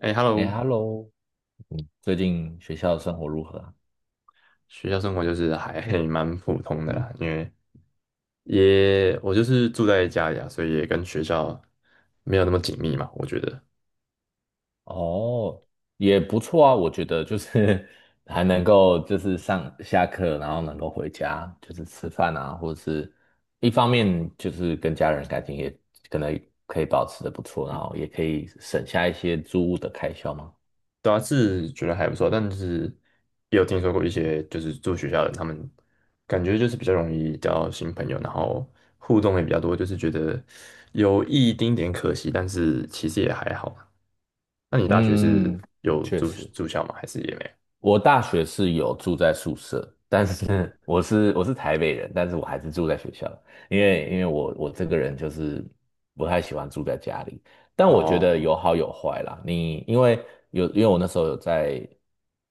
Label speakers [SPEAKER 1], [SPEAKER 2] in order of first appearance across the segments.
[SPEAKER 1] 哎
[SPEAKER 2] 哎
[SPEAKER 1] ，Hello，
[SPEAKER 2] ，Hello，最近学校的生活如何啊？
[SPEAKER 1] 学校生活就是还蛮普通的啦，因为也我就是住在家里啊，所以也跟学校没有那么紧密嘛，我觉得。
[SPEAKER 2] 哦，也不错啊，我觉得就是 还能够就是上下课，然后能够回家，就是吃饭啊，或者是一方面就是跟家人感情也可能可以保持的不错，然
[SPEAKER 1] 嗯。
[SPEAKER 2] 后也可以省下一些租屋的开销嘛。
[SPEAKER 1] 对啊，是觉得还不错，但是也有听说过一些就是住学校的人，他们感觉就是比较容易交新朋友，然后互动也比较多，就是觉得有一丁点可惜，但是其实也还好。那你大学是
[SPEAKER 2] 嗯，
[SPEAKER 1] 有
[SPEAKER 2] 确
[SPEAKER 1] 住
[SPEAKER 2] 实。
[SPEAKER 1] 住校吗？还是也没有？
[SPEAKER 2] 我大学是有住在宿舍，但是
[SPEAKER 1] 嗯。
[SPEAKER 2] 我是台北人，但是我还是住在学校，因为我这个人就是不太喜欢住在家里，但我觉得
[SPEAKER 1] 哦。
[SPEAKER 2] 有好有坏啦。你因为有因为我那时候有在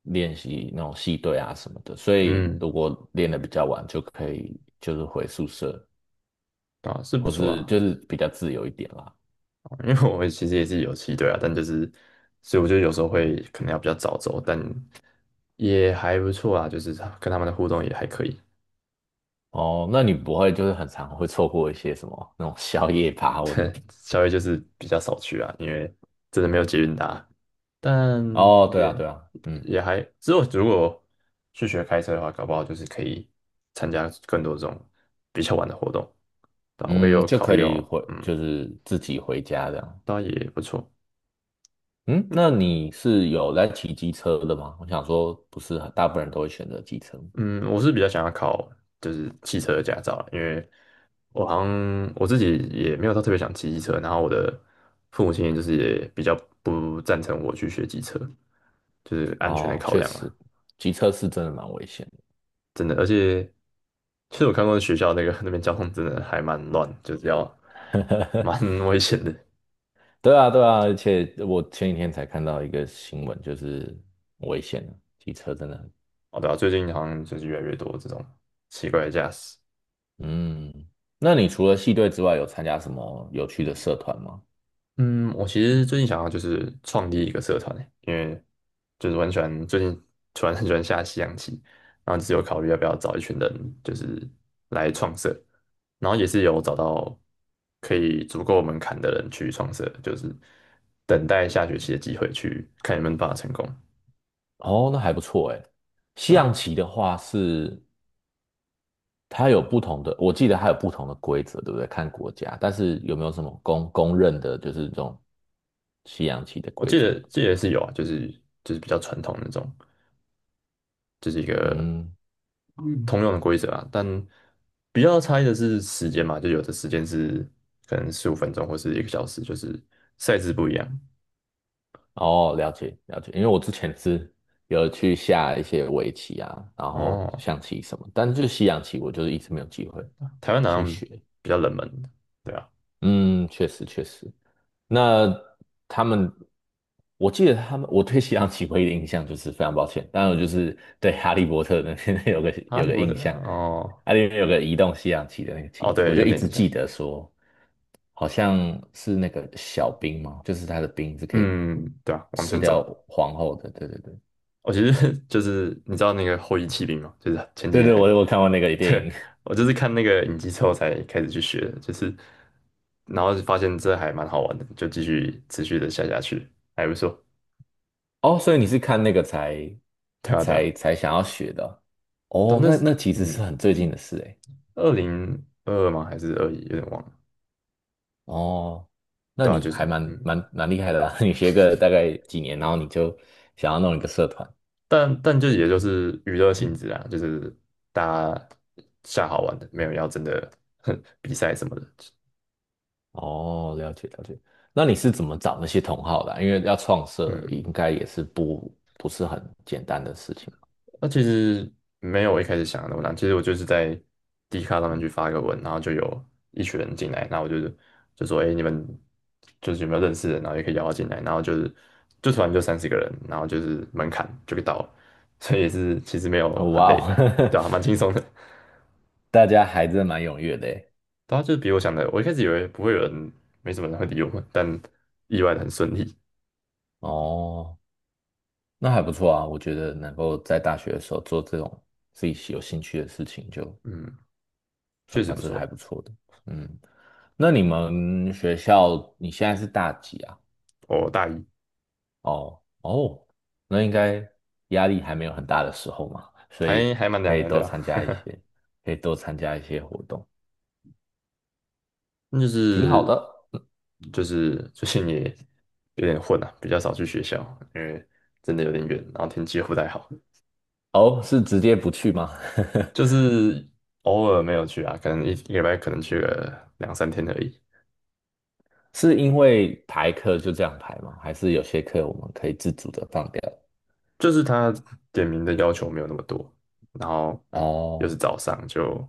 [SPEAKER 2] 练习那种戏队啊什么的，所以
[SPEAKER 1] 嗯。
[SPEAKER 2] 如果练得比较晚，就可以就是回宿舍，
[SPEAKER 1] 啊，是不
[SPEAKER 2] 或
[SPEAKER 1] 错
[SPEAKER 2] 是
[SPEAKER 1] 啊。
[SPEAKER 2] 就是比较自由一点啦。
[SPEAKER 1] 因为我其实也是有骑队啊，但就是，所以我觉得有时候会可能要比较早走，但也还不错啊，就是他跟他们的互动也还可以。
[SPEAKER 2] 哦，那你不会就是很常会错过一些什么那种宵夜趴或者什么？
[SPEAKER 1] 稍微就是比较少去啊，因为真的没有捷运搭，但
[SPEAKER 2] 哦，对啊，
[SPEAKER 1] 也
[SPEAKER 2] 对啊，嗯。
[SPEAKER 1] 也还，之后如果去学开车的话，搞不好就是可以参加更多这种比较晚的活动。对啊，我也
[SPEAKER 2] 嗯，
[SPEAKER 1] 有
[SPEAKER 2] 就
[SPEAKER 1] 考
[SPEAKER 2] 可
[SPEAKER 1] 虑
[SPEAKER 2] 以
[SPEAKER 1] 哦。
[SPEAKER 2] 回，
[SPEAKER 1] 嗯。
[SPEAKER 2] 就是自己回家这样。
[SPEAKER 1] 倒也不错。
[SPEAKER 2] 嗯，
[SPEAKER 1] 嗯。
[SPEAKER 2] 那你是有来骑机车的吗？我想说，不是很大部分人都会选择机车。
[SPEAKER 1] 嗯我是比较想要考就是汽车的驾照啦，因为我好像我自己也没有到特别想骑机车，然后我的父母亲就是也比较不赞成我去学机车，就是安全的
[SPEAKER 2] 哦，
[SPEAKER 1] 考
[SPEAKER 2] 确
[SPEAKER 1] 量
[SPEAKER 2] 实，
[SPEAKER 1] 啦。
[SPEAKER 2] 机车是真的蛮危险
[SPEAKER 1] 真的，而且其实我看过学校那个 那边交通真的还蛮乱，就是要
[SPEAKER 2] 的。
[SPEAKER 1] 蛮 危险的。
[SPEAKER 2] 对啊，对啊，而且我前几天才看到一个新闻，就是很危险的，机车真的。
[SPEAKER 1] 哦，对啊，最近好像就是越来越多这种奇怪的驾驶。
[SPEAKER 2] 嗯，那你除了系队之外，有参加什么有趣的社团吗？
[SPEAKER 1] 嗯，我其实最近想要就是创立一个社团欸，因为就是完全最近突然很喜欢下西洋棋，然后只有考虑要不要找一群人就是来创社，然后也是有找到可以足够门槛的人去创社，就是等待下学期的机会去看有没有办法成功。
[SPEAKER 2] 哦，那还不错诶。西
[SPEAKER 1] 对
[SPEAKER 2] 洋
[SPEAKER 1] 吧？
[SPEAKER 2] 棋的话是它有不同的，我记得它有不同的规则，对不对？看国家，但是有没有什么公认的，就是这种西洋棋的
[SPEAKER 1] 我
[SPEAKER 2] 规
[SPEAKER 1] 记
[SPEAKER 2] 则？
[SPEAKER 1] 得记得是有啊，就是就是比较传统那种，就是一个
[SPEAKER 2] 嗯，
[SPEAKER 1] 通用的规则啊，但比较差异的是时间嘛，就有的时间是可能15分钟或是一个小时，就是赛制不一样。
[SPEAKER 2] 哦，了解了解，因为我之前是有去下一些围棋啊，然后
[SPEAKER 1] 哦。
[SPEAKER 2] 象棋什么，但是就是西洋棋，我就是一直没有机会
[SPEAKER 1] 台湾好
[SPEAKER 2] 去
[SPEAKER 1] 像
[SPEAKER 2] 学。
[SPEAKER 1] 比较冷门的。对啊。
[SPEAKER 2] 嗯，确实确实。那他们，我记得他们，我对西洋棋唯一的印象就是非常抱歉，当然我就是对哈利波特的那边 有个
[SPEAKER 1] 哈
[SPEAKER 2] 有
[SPEAKER 1] 利
[SPEAKER 2] 个
[SPEAKER 1] 波特。
[SPEAKER 2] 印象，
[SPEAKER 1] 哦
[SPEAKER 2] 它里面有个移动西洋棋的那个棋
[SPEAKER 1] 哦。
[SPEAKER 2] 子，我
[SPEAKER 1] 对，
[SPEAKER 2] 就
[SPEAKER 1] 有
[SPEAKER 2] 一
[SPEAKER 1] 点
[SPEAKER 2] 直
[SPEAKER 1] 印象。
[SPEAKER 2] 记得说，好像是那个小兵嘛，就是他的兵是可以
[SPEAKER 1] 嗯，对啊，往
[SPEAKER 2] 吃
[SPEAKER 1] 前
[SPEAKER 2] 掉
[SPEAKER 1] 走。
[SPEAKER 2] 皇后的，对对对，
[SPEAKER 1] 其实 就是你知道那个后翼弃兵嘛，就是前几
[SPEAKER 2] 对
[SPEAKER 1] 年
[SPEAKER 2] 对，我
[SPEAKER 1] 很。
[SPEAKER 2] 我看过那个 电
[SPEAKER 1] 对。
[SPEAKER 2] 影，
[SPEAKER 1] 我就是看那个影集之后才开始去学的，就是然后就发现这还蛮好玩的，就继续持续的下下去，还不错。
[SPEAKER 2] 哦，所以你是看那个才
[SPEAKER 1] 对啊对啊。
[SPEAKER 2] 才才想要学的哦，
[SPEAKER 1] 但
[SPEAKER 2] 哦
[SPEAKER 1] 那
[SPEAKER 2] 那
[SPEAKER 1] 是
[SPEAKER 2] 那其实是
[SPEAKER 1] 嗯，
[SPEAKER 2] 很最近的事诶。
[SPEAKER 1] 2022吗？还是21？有点忘了。
[SPEAKER 2] 哦，那
[SPEAKER 1] 对啊，
[SPEAKER 2] 你
[SPEAKER 1] 就
[SPEAKER 2] 还
[SPEAKER 1] 是
[SPEAKER 2] 蛮
[SPEAKER 1] 嗯，
[SPEAKER 2] 蛮蛮厉害的啦，你学个大概几年，然后你就想要弄一个社团。
[SPEAKER 1] 但就也就是娱乐性质啊，就是大家下好玩的，没有要真的 比赛什么的。
[SPEAKER 2] 哦，了解了解。那你是怎么找那些同好的啊因为要创社，
[SPEAKER 1] 嗯，
[SPEAKER 2] 应该也是不是很简单的事情。
[SPEAKER 1] 那其实没有我一开始想的那么难，其实我就是在 D 卡上面去发一个文，然后就有一群人进来，然后我就是就说，哎、你们就是有没有认识的，然后也可以邀他进来，然后就是就突然就30个人，然后就是门槛就给到了。所以也是其实没有
[SPEAKER 2] 哦，
[SPEAKER 1] 很
[SPEAKER 2] 哇
[SPEAKER 1] 累。
[SPEAKER 2] 哦，
[SPEAKER 1] 对啊，蛮轻松的。
[SPEAKER 2] 大家还真蛮踊跃的耶。
[SPEAKER 1] 对啊，就是比我想的，我一开始以为不会有人，没什么人会理我们，但意外的很顺利。
[SPEAKER 2] 哦，那还不错啊，我觉得能够在大学的时候做这种自己有兴趣的事情，就
[SPEAKER 1] 嗯。确实
[SPEAKER 2] 算
[SPEAKER 1] 不
[SPEAKER 2] 是还不
[SPEAKER 1] 错。
[SPEAKER 2] 错的。嗯，那你们学校你现在是大几啊？
[SPEAKER 1] 我大一，
[SPEAKER 2] 哦哦，那应该压力还没有很大的时候嘛，所
[SPEAKER 1] 还
[SPEAKER 2] 以
[SPEAKER 1] 还蛮
[SPEAKER 2] 可
[SPEAKER 1] 凉
[SPEAKER 2] 以
[SPEAKER 1] 的。对
[SPEAKER 2] 多
[SPEAKER 1] 啊，
[SPEAKER 2] 参加一些，可以多参加一些活动，
[SPEAKER 1] 那就
[SPEAKER 2] 挺好
[SPEAKER 1] 是
[SPEAKER 2] 的。
[SPEAKER 1] 就是最近也有点混啊，比较少去学校，因为真的有点远，然后天气又不太好，
[SPEAKER 2] 哦，是直接不去吗？
[SPEAKER 1] 就 是偶尔没有去啊，可能一个礼拜可能去个两三天而已。
[SPEAKER 2] 是因为排课就这样排吗？还是有些课我们可以自主的放掉？
[SPEAKER 1] 就是他点名的要求没有那么多，然后又是
[SPEAKER 2] 哦，
[SPEAKER 1] 早上就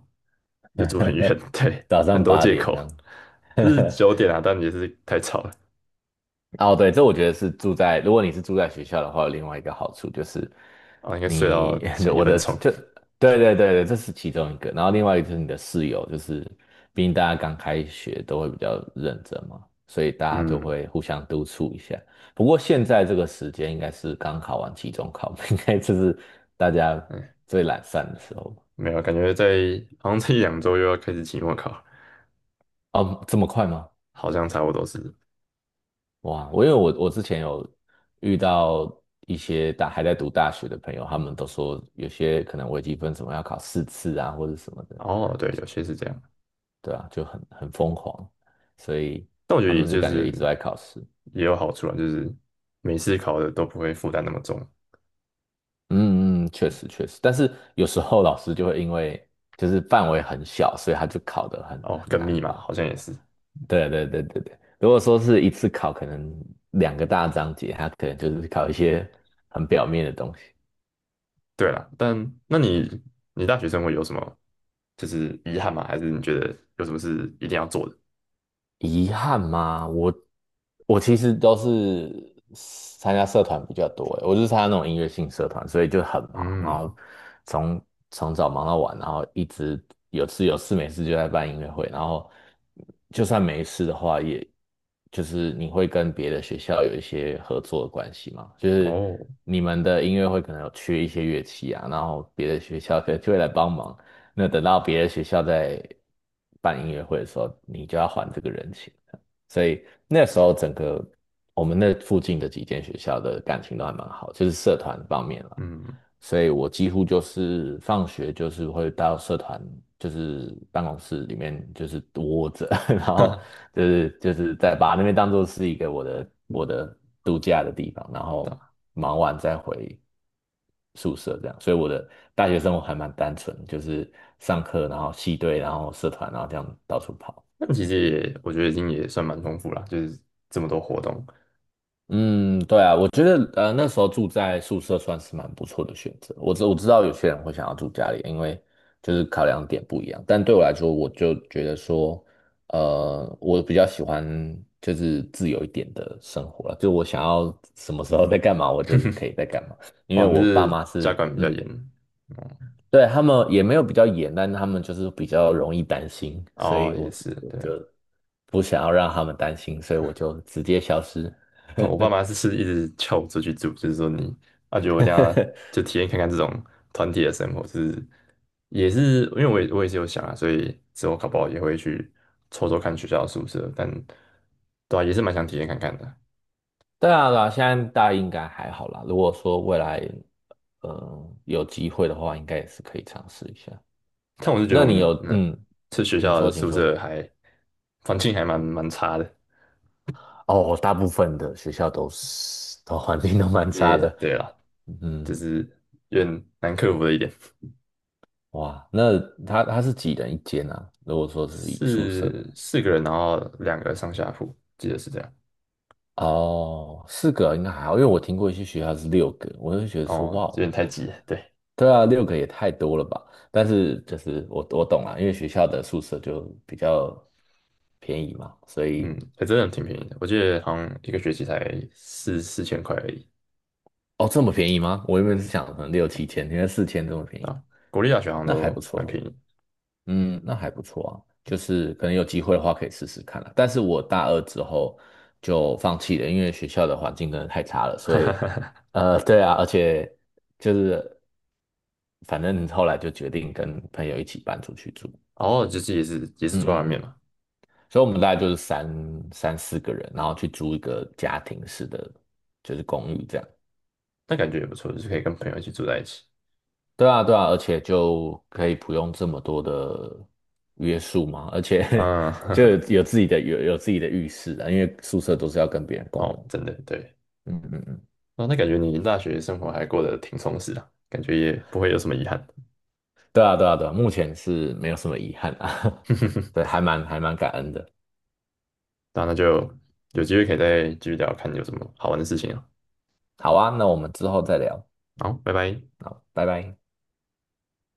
[SPEAKER 1] 又住 很远。对，
[SPEAKER 2] 早
[SPEAKER 1] 很
[SPEAKER 2] 上
[SPEAKER 1] 多
[SPEAKER 2] 八
[SPEAKER 1] 借
[SPEAKER 2] 点这
[SPEAKER 1] 口
[SPEAKER 2] 样。
[SPEAKER 1] 是九 点啊，但也是太吵了
[SPEAKER 2] 哦，对，这我觉得是住在，如果你是住在学校的话，有另外一个好处就是
[SPEAKER 1] 啊，应该睡到
[SPEAKER 2] 你
[SPEAKER 1] 前一
[SPEAKER 2] 我
[SPEAKER 1] 分
[SPEAKER 2] 的
[SPEAKER 1] 钟。
[SPEAKER 2] 就对对对对，这是其中一个，然后另外一个就是你的室友，就是毕竟大家刚开学都会比较认真嘛，所以大家都
[SPEAKER 1] 嗯。
[SPEAKER 2] 会互相督促一下。不过现在这个时间应该是刚考完期中考，应该就是大家
[SPEAKER 1] 哎，
[SPEAKER 2] 最懒散的时候
[SPEAKER 1] 没有啊，感觉在好像这一两周又要开始期末考。
[SPEAKER 2] 哦，这么快吗？
[SPEAKER 1] 好像差不多是。
[SPEAKER 2] 哇，我因为我我之前有遇到一些大还在读大学的朋友，他们都说有些可能微积分什么要考4次啊，或者什么的，
[SPEAKER 1] 哦，对，有些是这样，
[SPEAKER 2] 对啊，就很疯狂，所以
[SPEAKER 1] 但我觉
[SPEAKER 2] 他
[SPEAKER 1] 得也
[SPEAKER 2] 们就
[SPEAKER 1] 就
[SPEAKER 2] 感觉
[SPEAKER 1] 是
[SPEAKER 2] 一直都在考试。
[SPEAKER 1] 也有好处啊，就是每次考的都不会负担那么重。
[SPEAKER 2] 嗯嗯，确实确实，但是有时候老师就会因为就是范围很小，所以他就考得很
[SPEAKER 1] 哦，
[SPEAKER 2] 很
[SPEAKER 1] 跟
[SPEAKER 2] 难
[SPEAKER 1] 密嘛，
[SPEAKER 2] 吧。
[SPEAKER 1] 好像也是。
[SPEAKER 2] 对对对对对，如果说是一次考可能2个大章节，他可能就是考一些很表面的东西。
[SPEAKER 1] 对啦，但那你你大学生活有什么就是遗憾吗？还是你觉得有什么是一定要做的？
[SPEAKER 2] 遗憾吗？我其实都是参加社团比较多欸，我就是参加那种音乐性社团，所以就很忙，然
[SPEAKER 1] 嗯。
[SPEAKER 2] 后从从早忙到晚，然后一直有事没事就在办音乐会，然后就算没事的话，也就是你会跟别的学校有一些合作的关系嘛，就是
[SPEAKER 1] 哦。
[SPEAKER 2] 你们的音乐会可能有缺一些乐器啊，然后别的学校可能就会来帮忙，那等到别的学校在办音乐会的时候，你就要还这个人情。所以那时候整个我们那附近的几间学校的感情都还蛮好，就是社团方面了。
[SPEAKER 1] 嗯。
[SPEAKER 2] 所以我几乎就是放学就是会到社团，就是办公室里面就是窝着，然
[SPEAKER 1] 哈
[SPEAKER 2] 后
[SPEAKER 1] 哈。
[SPEAKER 2] 就是在把那边当做是一个我的度假的地方，然
[SPEAKER 1] 对
[SPEAKER 2] 后
[SPEAKER 1] 啊
[SPEAKER 2] 忙完再回。宿舍这样，所以我的大学生活还蛮单纯，就是上课，然后系队，然后社团，然后这样到处跑。
[SPEAKER 1] 那 其实也我觉得已经也算蛮丰富啦，就是这么多活动。
[SPEAKER 2] 嗯，对啊，我觉得那时候住在宿舍算是蛮不错的选择。我知道有些人会想要住家里，因为就是考量点不一样。但对我来说，我就觉得说，我比较喜欢就是自由一点的生活了，就我想要什么时候在干嘛，我就是可以 在干嘛。因为
[SPEAKER 1] 哦，那
[SPEAKER 2] 我爸
[SPEAKER 1] 是
[SPEAKER 2] 妈
[SPEAKER 1] 家
[SPEAKER 2] 是
[SPEAKER 1] 管比较严。哦。
[SPEAKER 2] 对，他们也没有比较严，但他们就是比较容易担心，所
[SPEAKER 1] 哦，
[SPEAKER 2] 以我
[SPEAKER 1] 也是，
[SPEAKER 2] 我
[SPEAKER 1] 对。
[SPEAKER 2] 就
[SPEAKER 1] 啊。
[SPEAKER 2] 不想要让他们担心，所以我就直接消失。
[SPEAKER 1] 我爸妈是一直叫我出去住，就是说你啊，觉得我等一 下就体验看看这种团体的生活，就是也是因为我也是有想啊，所以之后考不好也会去抽抽看学校的宿舍，但对啊，也是蛮想体验看看的。
[SPEAKER 2] 对啊，对啊，现在大家应该还好啦。如果说未来，有机会的话，应该也是可以尝试一下。
[SPEAKER 1] 但我是觉得
[SPEAKER 2] 那
[SPEAKER 1] 我们
[SPEAKER 2] 你
[SPEAKER 1] 的
[SPEAKER 2] 有，
[SPEAKER 1] 嗯，这学
[SPEAKER 2] 请
[SPEAKER 1] 校的
[SPEAKER 2] 说，请
[SPEAKER 1] 宿
[SPEAKER 2] 说。
[SPEAKER 1] 舍还环境还蛮差的。
[SPEAKER 2] 哦，我大部分的学校都是，都环境都蛮差
[SPEAKER 1] 也
[SPEAKER 2] 的。
[SPEAKER 1] 对啦，就
[SPEAKER 2] 嗯，
[SPEAKER 1] 是有点难克服的一点。
[SPEAKER 2] 哇，那他是几人一间啊？如果说是以宿舍的话
[SPEAKER 1] 四个人，然后2个上下铺，记得是这样。
[SPEAKER 2] 哦，四个应该还好，因为我听过一些学校是六个，我就觉得说
[SPEAKER 1] 哦，
[SPEAKER 2] 哇
[SPEAKER 1] 有
[SPEAKER 2] 哦，
[SPEAKER 1] 点太挤了，对。
[SPEAKER 2] 对啊，六个也太多了吧？但是就是我懂了，因为学校的宿舍就比较便宜嘛，所
[SPEAKER 1] 嗯，
[SPEAKER 2] 以
[SPEAKER 1] 还真的挺便宜的，我记得好像一个学期才四千块而已
[SPEAKER 2] 哦这么便宜吗？我原本是想可能六七千，原来4千这么便宜，
[SPEAKER 1] 啊。国立大学好像
[SPEAKER 2] 那还
[SPEAKER 1] 都
[SPEAKER 2] 不
[SPEAKER 1] 蛮
[SPEAKER 2] 错。
[SPEAKER 1] 便宜。
[SPEAKER 2] 嗯，那还不错啊，就是可能有机会的话可以试试看啦。但是我大二之后就放弃了，因为学校的环境真的太差了，
[SPEAKER 1] 哈
[SPEAKER 2] 所
[SPEAKER 1] 哈
[SPEAKER 2] 以，
[SPEAKER 1] 哈，
[SPEAKER 2] 对啊，而且就是反正后来就决定跟朋友一起搬出去住，
[SPEAKER 1] 然后就是也是
[SPEAKER 2] 嗯
[SPEAKER 1] 住在
[SPEAKER 2] 嗯
[SPEAKER 1] 外面
[SPEAKER 2] 嗯，
[SPEAKER 1] 嘛。
[SPEAKER 2] 所以我们大概就是三四个人，然后去租一个家庭式的就是公寓这样。
[SPEAKER 1] 但感觉也不错，就是可以跟朋友一起住在一起。
[SPEAKER 2] 对啊，对啊，而且就可以不用这么多的约束嘛，而且
[SPEAKER 1] 嗯。
[SPEAKER 2] 就有自己的浴室啊，因为宿舍都是要跟别人 共
[SPEAKER 1] 哦，
[SPEAKER 2] 用。
[SPEAKER 1] 真的对。
[SPEAKER 2] 嗯嗯嗯，
[SPEAKER 1] 哦，那感觉你大学生活还过得挺充实的，感觉也不会有什么遗憾。
[SPEAKER 2] 对啊，对啊，对啊，目前是没有什么遗憾啊，对，还蛮感恩的。
[SPEAKER 1] 那就有机会可以再继续聊，看你有什么好玩的事情啊。
[SPEAKER 2] 好啊，那我们之后再聊，
[SPEAKER 1] 好，拜拜。
[SPEAKER 2] 好，拜拜。